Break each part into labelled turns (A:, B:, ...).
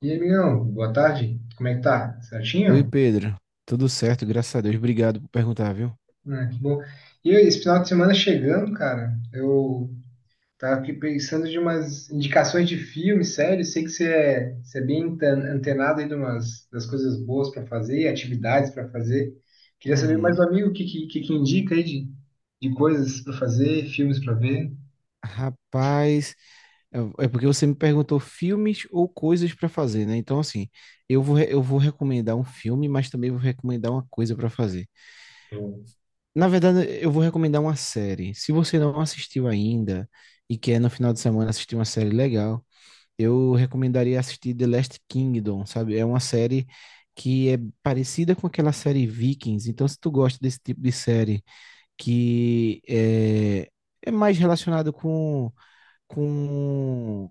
A: E aí, amigão, boa tarde. Como é que tá?
B: Oi,
A: Certinho?
B: Pedro. Tudo certo, graças a Deus. Obrigado por perguntar, viu?
A: Ah, que bom. E esse final de semana chegando, cara, eu tava aqui pensando de umas indicações de filme, série. Sei que você é bem antenado aí de umas, das coisas boas pra fazer e atividades pra fazer. Queria saber mais
B: Uhum.
A: do amigo o que indica aí de coisas pra fazer, filmes pra ver.
B: Rapaz, é é porque você me perguntou filmes ou coisas para fazer, né? Então, assim, eu vou recomendar um filme, mas também vou recomendar uma coisa para fazer. Na verdade, eu vou recomendar uma série. Se você não assistiu ainda e quer no final de semana assistir uma série legal, eu recomendaria assistir The Last Kingdom, sabe? É uma série que é parecida com aquela série Vikings. Então, se tu gosta desse tipo de série que é, é mais relacionado com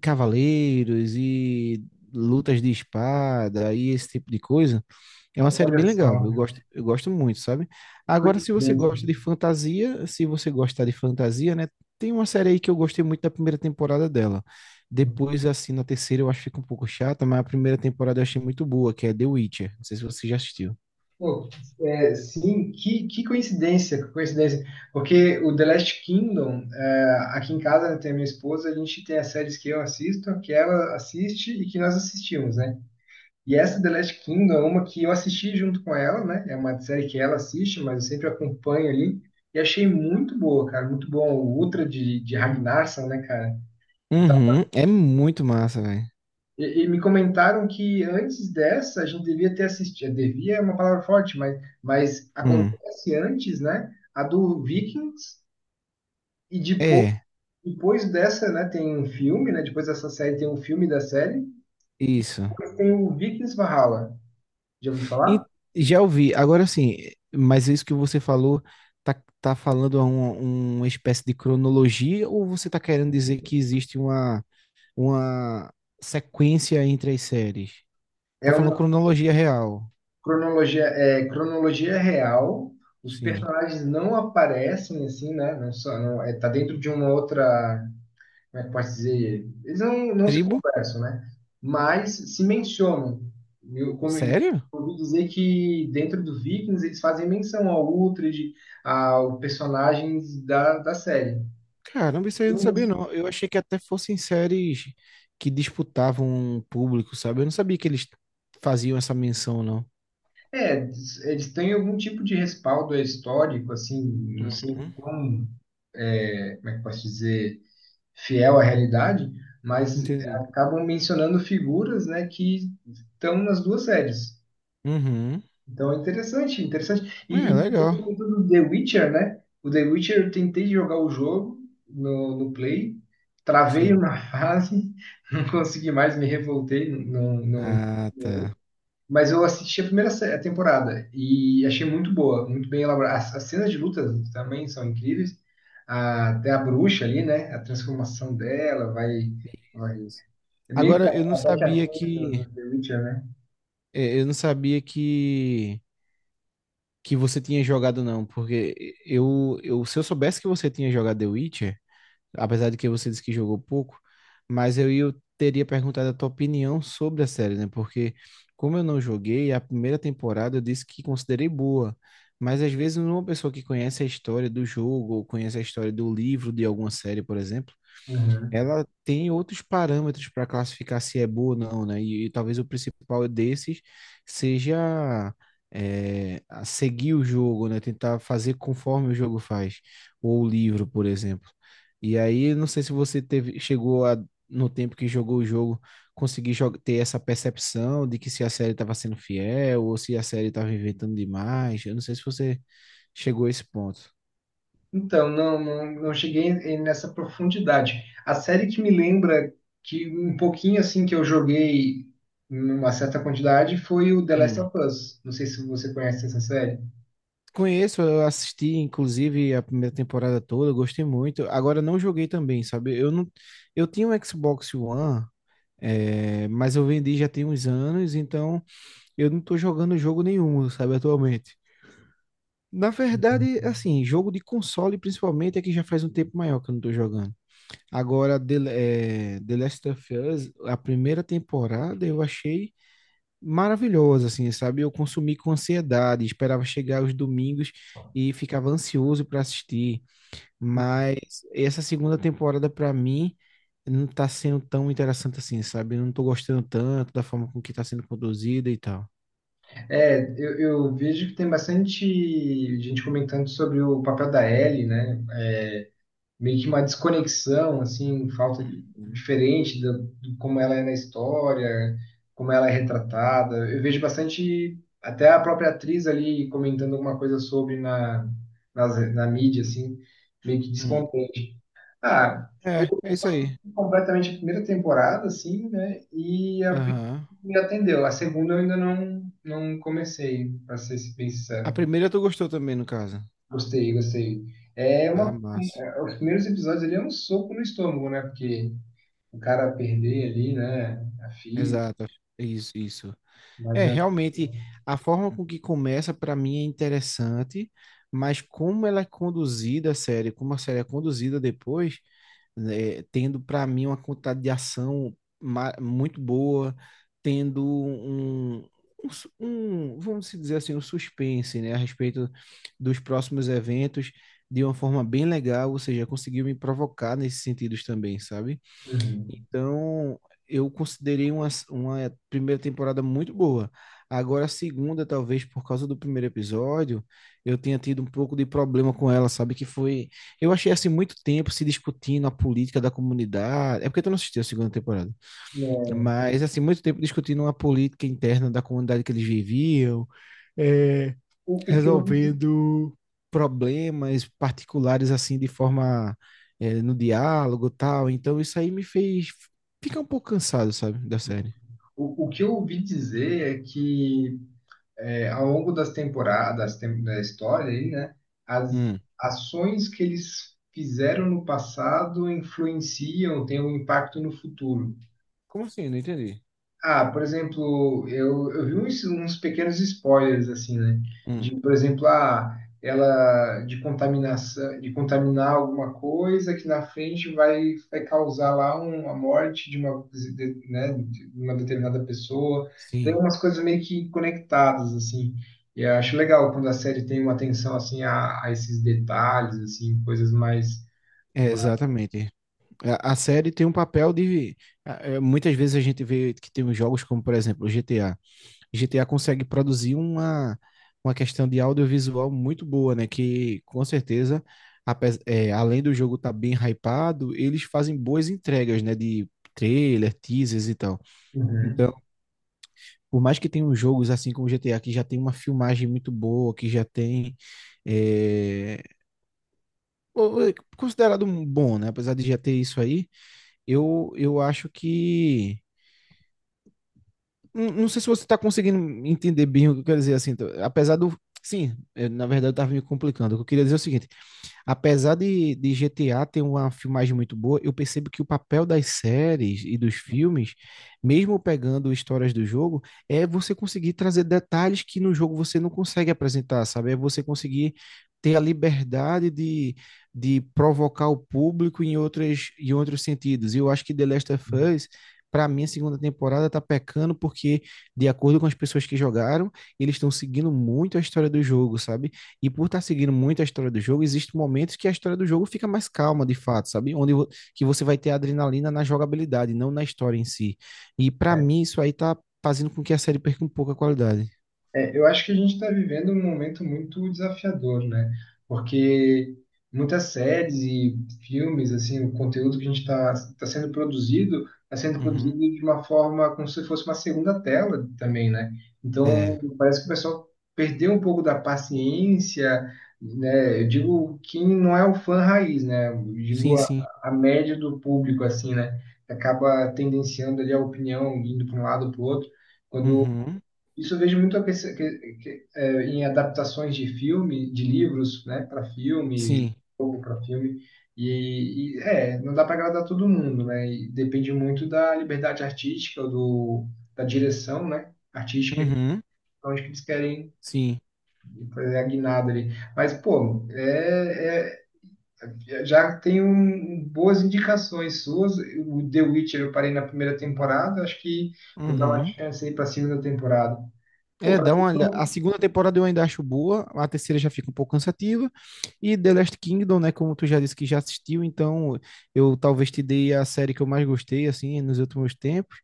B: cavaleiros e lutas de espada e esse tipo de coisa. É uma série bem
A: Olha
B: legal.
A: só,
B: Eu gosto muito, sabe?
A: que
B: Agora, se você
A: coincidência.
B: gosta de fantasia, se você gostar de fantasia, né? Tem uma série aí que eu gostei muito da primeira temporada dela. Depois, assim, na terceira eu acho que fica um pouco chata, mas a primeira temporada eu achei muito boa, que é The Witcher. Não sei se você já assistiu.
A: Pô, é, sim, que coincidência. Porque o The Last Kingdom, é, aqui em casa, né, tem a minha esposa, a gente tem as séries que eu assisto, que ela assiste e que nós assistimos, né? E essa The Last Kingdom é uma que eu assisti junto com ela, né? É uma série que ela assiste, mas eu sempre acompanho ali. E achei muito boa, cara, muito bom. O Ultra de Ragnarsson, né, cara?
B: Uhum, é muito massa, velho.
A: E me comentaram que antes dessa a gente devia ter assistido, devia é uma palavra forte, mas
B: Hum,
A: acontece antes, né? A do Vikings e depois,
B: é,
A: depois dessa, né? Tem um filme, né? Depois dessa série tem um filme da série e
B: isso.
A: depois tem o Vikings Valhalla. Já ouviu
B: E
A: falar?
B: já ouvi. Agora sim, mas isso que você falou, tá, tá falando a uma espécie de cronologia ou você tá querendo dizer que existe uma sequência entre as séries? Tá
A: É
B: falando
A: uma
B: cronologia real.
A: cronologia, é cronologia real. Os
B: Sim.
A: personagens não aparecem assim, né? Não só, não, é, tá dentro de uma outra, como é que posso dizer? Eles não se
B: Tribo?
A: conversam, né? Mas se mencionam. Como eu
B: Sério?
A: ouvi dizer que dentro do Vikings eles fazem menção ao Uhtred, ao personagens da série.
B: Caramba, isso aí eu não sabia, não. Eu achei que até fossem séries que disputavam um público, sabe? Eu não sabia que eles faziam essa menção, não.
A: É, eles têm algum tipo de respaldo histórico, assim, não sei
B: Uhum.
A: como é que eu posso dizer, fiel à realidade, mas
B: Entendi.
A: acabam mencionando figuras, né, que estão nas duas séries.
B: Uhum.
A: Então é interessante, interessante.
B: É,
A: E você
B: legal.
A: comentou do The Witcher, né? O The Witcher eu tentei jogar o jogo no Play, travei
B: Sim.
A: uma fase, não consegui mais, me revoltei,
B: Ah,
A: não.
B: tá.
A: Mas eu assisti a primeira a temporada e achei muito boa, muito bem elaborada. As cenas de luta também são incríveis. Até a bruxa ali, né? A transformação dela vai, vai.
B: Isso.
A: É meio que
B: Agora, eu não
A: a Betty
B: sabia
A: Arquette do
B: que.
A: The Witcher, né?
B: É, eu não sabia que. Que você tinha jogado, não. Porque eu, eu. Se eu soubesse que você tinha jogado The Witcher, apesar de que você disse que jogou pouco, mas eu teria perguntado a tua opinião sobre a série, né? Porque como eu não joguei, a primeira temporada eu disse que considerei boa, mas às vezes uma pessoa que conhece a história do jogo, ou conhece a história do livro de alguma série, por exemplo,
A: Uhum.
B: ela tem outros parâmetros para classificar se é boa ou não, né? E talvez o principal desses seja a seguir o jogo, né? Tentar fazer conforme o jogo faz, ou o livro, por exemplo. E aí, não sei se você chegou a, no tempo que jogou o jogo, ter essa percepção de que se a série estava sendo fiel ou se a série estava inventando demais. Eu não sei se você chegou a esse ponto.
A: Então, não cheguei nessa profundidade. A série que me lembra que um pouquinho assim que eu joguei numa certa quantidade foi o The Last of Us. Não sei se você conhece essa série.
B: Conheço, eu assisti inclusive a primeira temporada toda, eu gostei muito. Agora não joguei também, sabe? Eu não, eu tinha um Xbox One, mas eu vendi já tem uns anos, então eu não tô jogando jogo nenhum, sabe, atualmente. Na verdade, assim, jogo de console principalmente é que já faz um tempo maior que eu não tô jogando. Agora, The Last of Us, a primeira temporada eu achei maravilhosa, assim, sabe? Eu consumi com ansiedade, esperava chegar os domingos e ficava ansioso para assistir, mas essa segunda temporada para mim não tá sendo tão interessante assim, sabe? Eu não tô gostando tanto da forma com que tá sendo conduzida e tal.
A: É, eu vejo que tem bastante gente comentando sobre o papel da Ellie, né? Meio que uma desconexão, assim, um falta de, diferente do, como ela é na história, como ela é retratada. Eu vejo bastante, até a própria atriz ali comentando alguma coisa sobre na mídia, assim, meio que
B: Hum.
A: descontente. Ah, eu
B: É, é
A: só
B: isso aí.
A: assisti completamente a primeira temporada, assim, né, e a primeira
B: Aham.
A: me atendeu. A segunda eu ainda não comecei, para ser bem
B: A
A: sincero.
B: primeira tu gostou também, no caso.
A: Gostei, gostei. É
B: Ah,
A: uma,
B: massa.
A: os primeiros episódios ali é um soco no estômago, né? Porque o cara perder ali, né? A filha,
B: Exato. Isso, isso.
A: mas
B: É,
A: é.
B: realmente, a forma com que começa para mim é interessante, mas como ela é conduzida a série, como a série é conduzida depois, né, tendo para mim uma quantidade de muito boa, tendo um, vamos dizer assim, um suspense, né, a respeito dos próximos eventos de uma forma bem legal, ou seja, conseguiu me provocar nesses sentidos também, sabe?
A: Uhum.
B: Então, eu considerei uma primeira temporada muito boa. Agora, a segunda, talvez por causa do primeiro episódio, eu tenha tido um pouco de problema com ela, sabe? Que foi. Eu achei assim muito tempo se discutindo a política da comunidade. É porque tu não assistiu a segunda temporada.
A: É,
B: Mas, assim, muito tempo discutindo a política interna da comunidade que eles viviam. É,
A: o, o que eu, ouvi-
B: resolvendo problemas particulares assim de forma no diálogo e tal. Então isso aí me fez ficar um pouco cansado, sabe, da série.
A: o que eu ouvi dizer é que é, ao longo das temporadas, da história aí, né? As
B: Hum.
A: ações que eles fizeram no passado influenciam, têm um impacto no futuro.
B: Como assim? Não entendi.
A: Ah, por exemplo, eu vi uns, uns pequenos spoilers, assim, né?
B: Hum.
A: De, por exemplo, ah, ela de contaminação, de contaminar alguma coisa que na frente vai, vai causar lá uma morte de uma, né, de uma determinada pessoa. Tem
B: Sim,
A: umas coisas meio que conectadas, assim. E eu acho legal quando a série tem uma atenção, assim, a esses detalhes, assim, coisas mais... mais...
B: exatamente. A série tem um papel de. Muitas vezes a gente vê que tem uns jogos como, por exemplo, o GTA. GTA consegue produzir uma questão de audiovisual muito boa, né? Que com certeza, além do jogo estar bem hypado, eles fazem boas entregas, né? De trailer, teasers e tal. Então, por mais que tenham jogos assim como GTA, que já tem uma filmagem muito boa, que já tem. é, o- considerado um bom, né? Apesar de já ter isso aí, eu acho que não. Não sei se você está conseguindo entender bem o que eu quero dizer assim. Tá? Apesar do. Sim, na verdade eu estava me complicando. O que eu queria dizer é o seguinte: apesar de GTA ter uma filmagem muito boa, eu percebo que o papel das séries e dos filmes, mesmo pegando histórias do jogo, é você conseguir trazer detalhes que no jogo você não consegue apresentar, sabe? É você conseguir ter a liberdade de provocar o público em em outros sentidos. E eu acho que The Last of
A: Uhum.
B: Us. Para mim, a segunda temporada tá pecando porque, de acordo com as pessoas que jogaram, eles estão seguindo muito a história do jogo, sabe? E por estar seguindo muito a história do jogo, existem momentos que a história do jogo fica mais calma, de fato, sabe? Que você vai ter adrenalina na jogabilidade, não na história em si. E pra mim isso aí tá fazendo com que a série perca um pouco a qualidade.
A: É, eu acho que a gente está vivendo um momento muito desafiador, né? Porque muitas séries e filmes, assim, o conteúdo que a gente está tá tá sendo produzido, está sendo produzido
B: Uhum.
A: de uma forma como se fosse uma segunda tela também, né?
B: É.
A: Então, parece que o pessoal perdeu um pouco da paciência, né? Eu digo quem não é o fã raiz, né? Eu
B: Sim,
A: digo
B: sim.
A: a média do público, assim, né? Acaba tendenciando ali a opinião, indo para um lado para o outro quando
B: Uhum.
A: isso eu vejo muito a é, em adaptações de filme, de livros, né, para filme,
B: Sim.
A: jogo para filme. E, é, não dá para agradar todo mundo, né? E depende muito da liberdade artística, do, da direção, né, artística,
B: Uhum.
A: onde que eles querem
B: Sim.
A: fazer a guinada ali. Mas, pô, já tem boas indicações suas. O The Witcher eu parei na primeira temporada, acho que vou dar uma
B: Uhum.
A: chance aí para a segunda temporada. Pô,
B: É,
A: pra
B: dá uma olhada. A segunda temporada eu ainda acho boa, a terceira já fica um pouco cansativa. E The Last Kingdom, né, como tu já disse que já assistiu, então eu talvez te dei a série que eu mais gostei, assim, nos últimos tempos.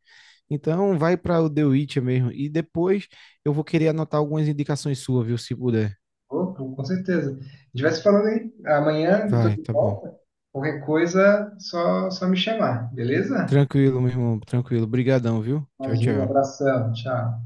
B: Então, vai para o The Witcher mesmo. E depois eu vou querer anotar algumas indicações suas, viu? Se puder.
A: Opa, com certeza. A gente vai se falando aí. Amanhã eu tô
B: Vai,
A: de
B: tá bom.
A: volta. Qualquer coisa, só me chamar, beleza?
B: Tranquilo, meu irmão. Tranquilo. Obrigadão, viu? Tchau,
A: Imagina,
B: tchau.
A: abração, tchau.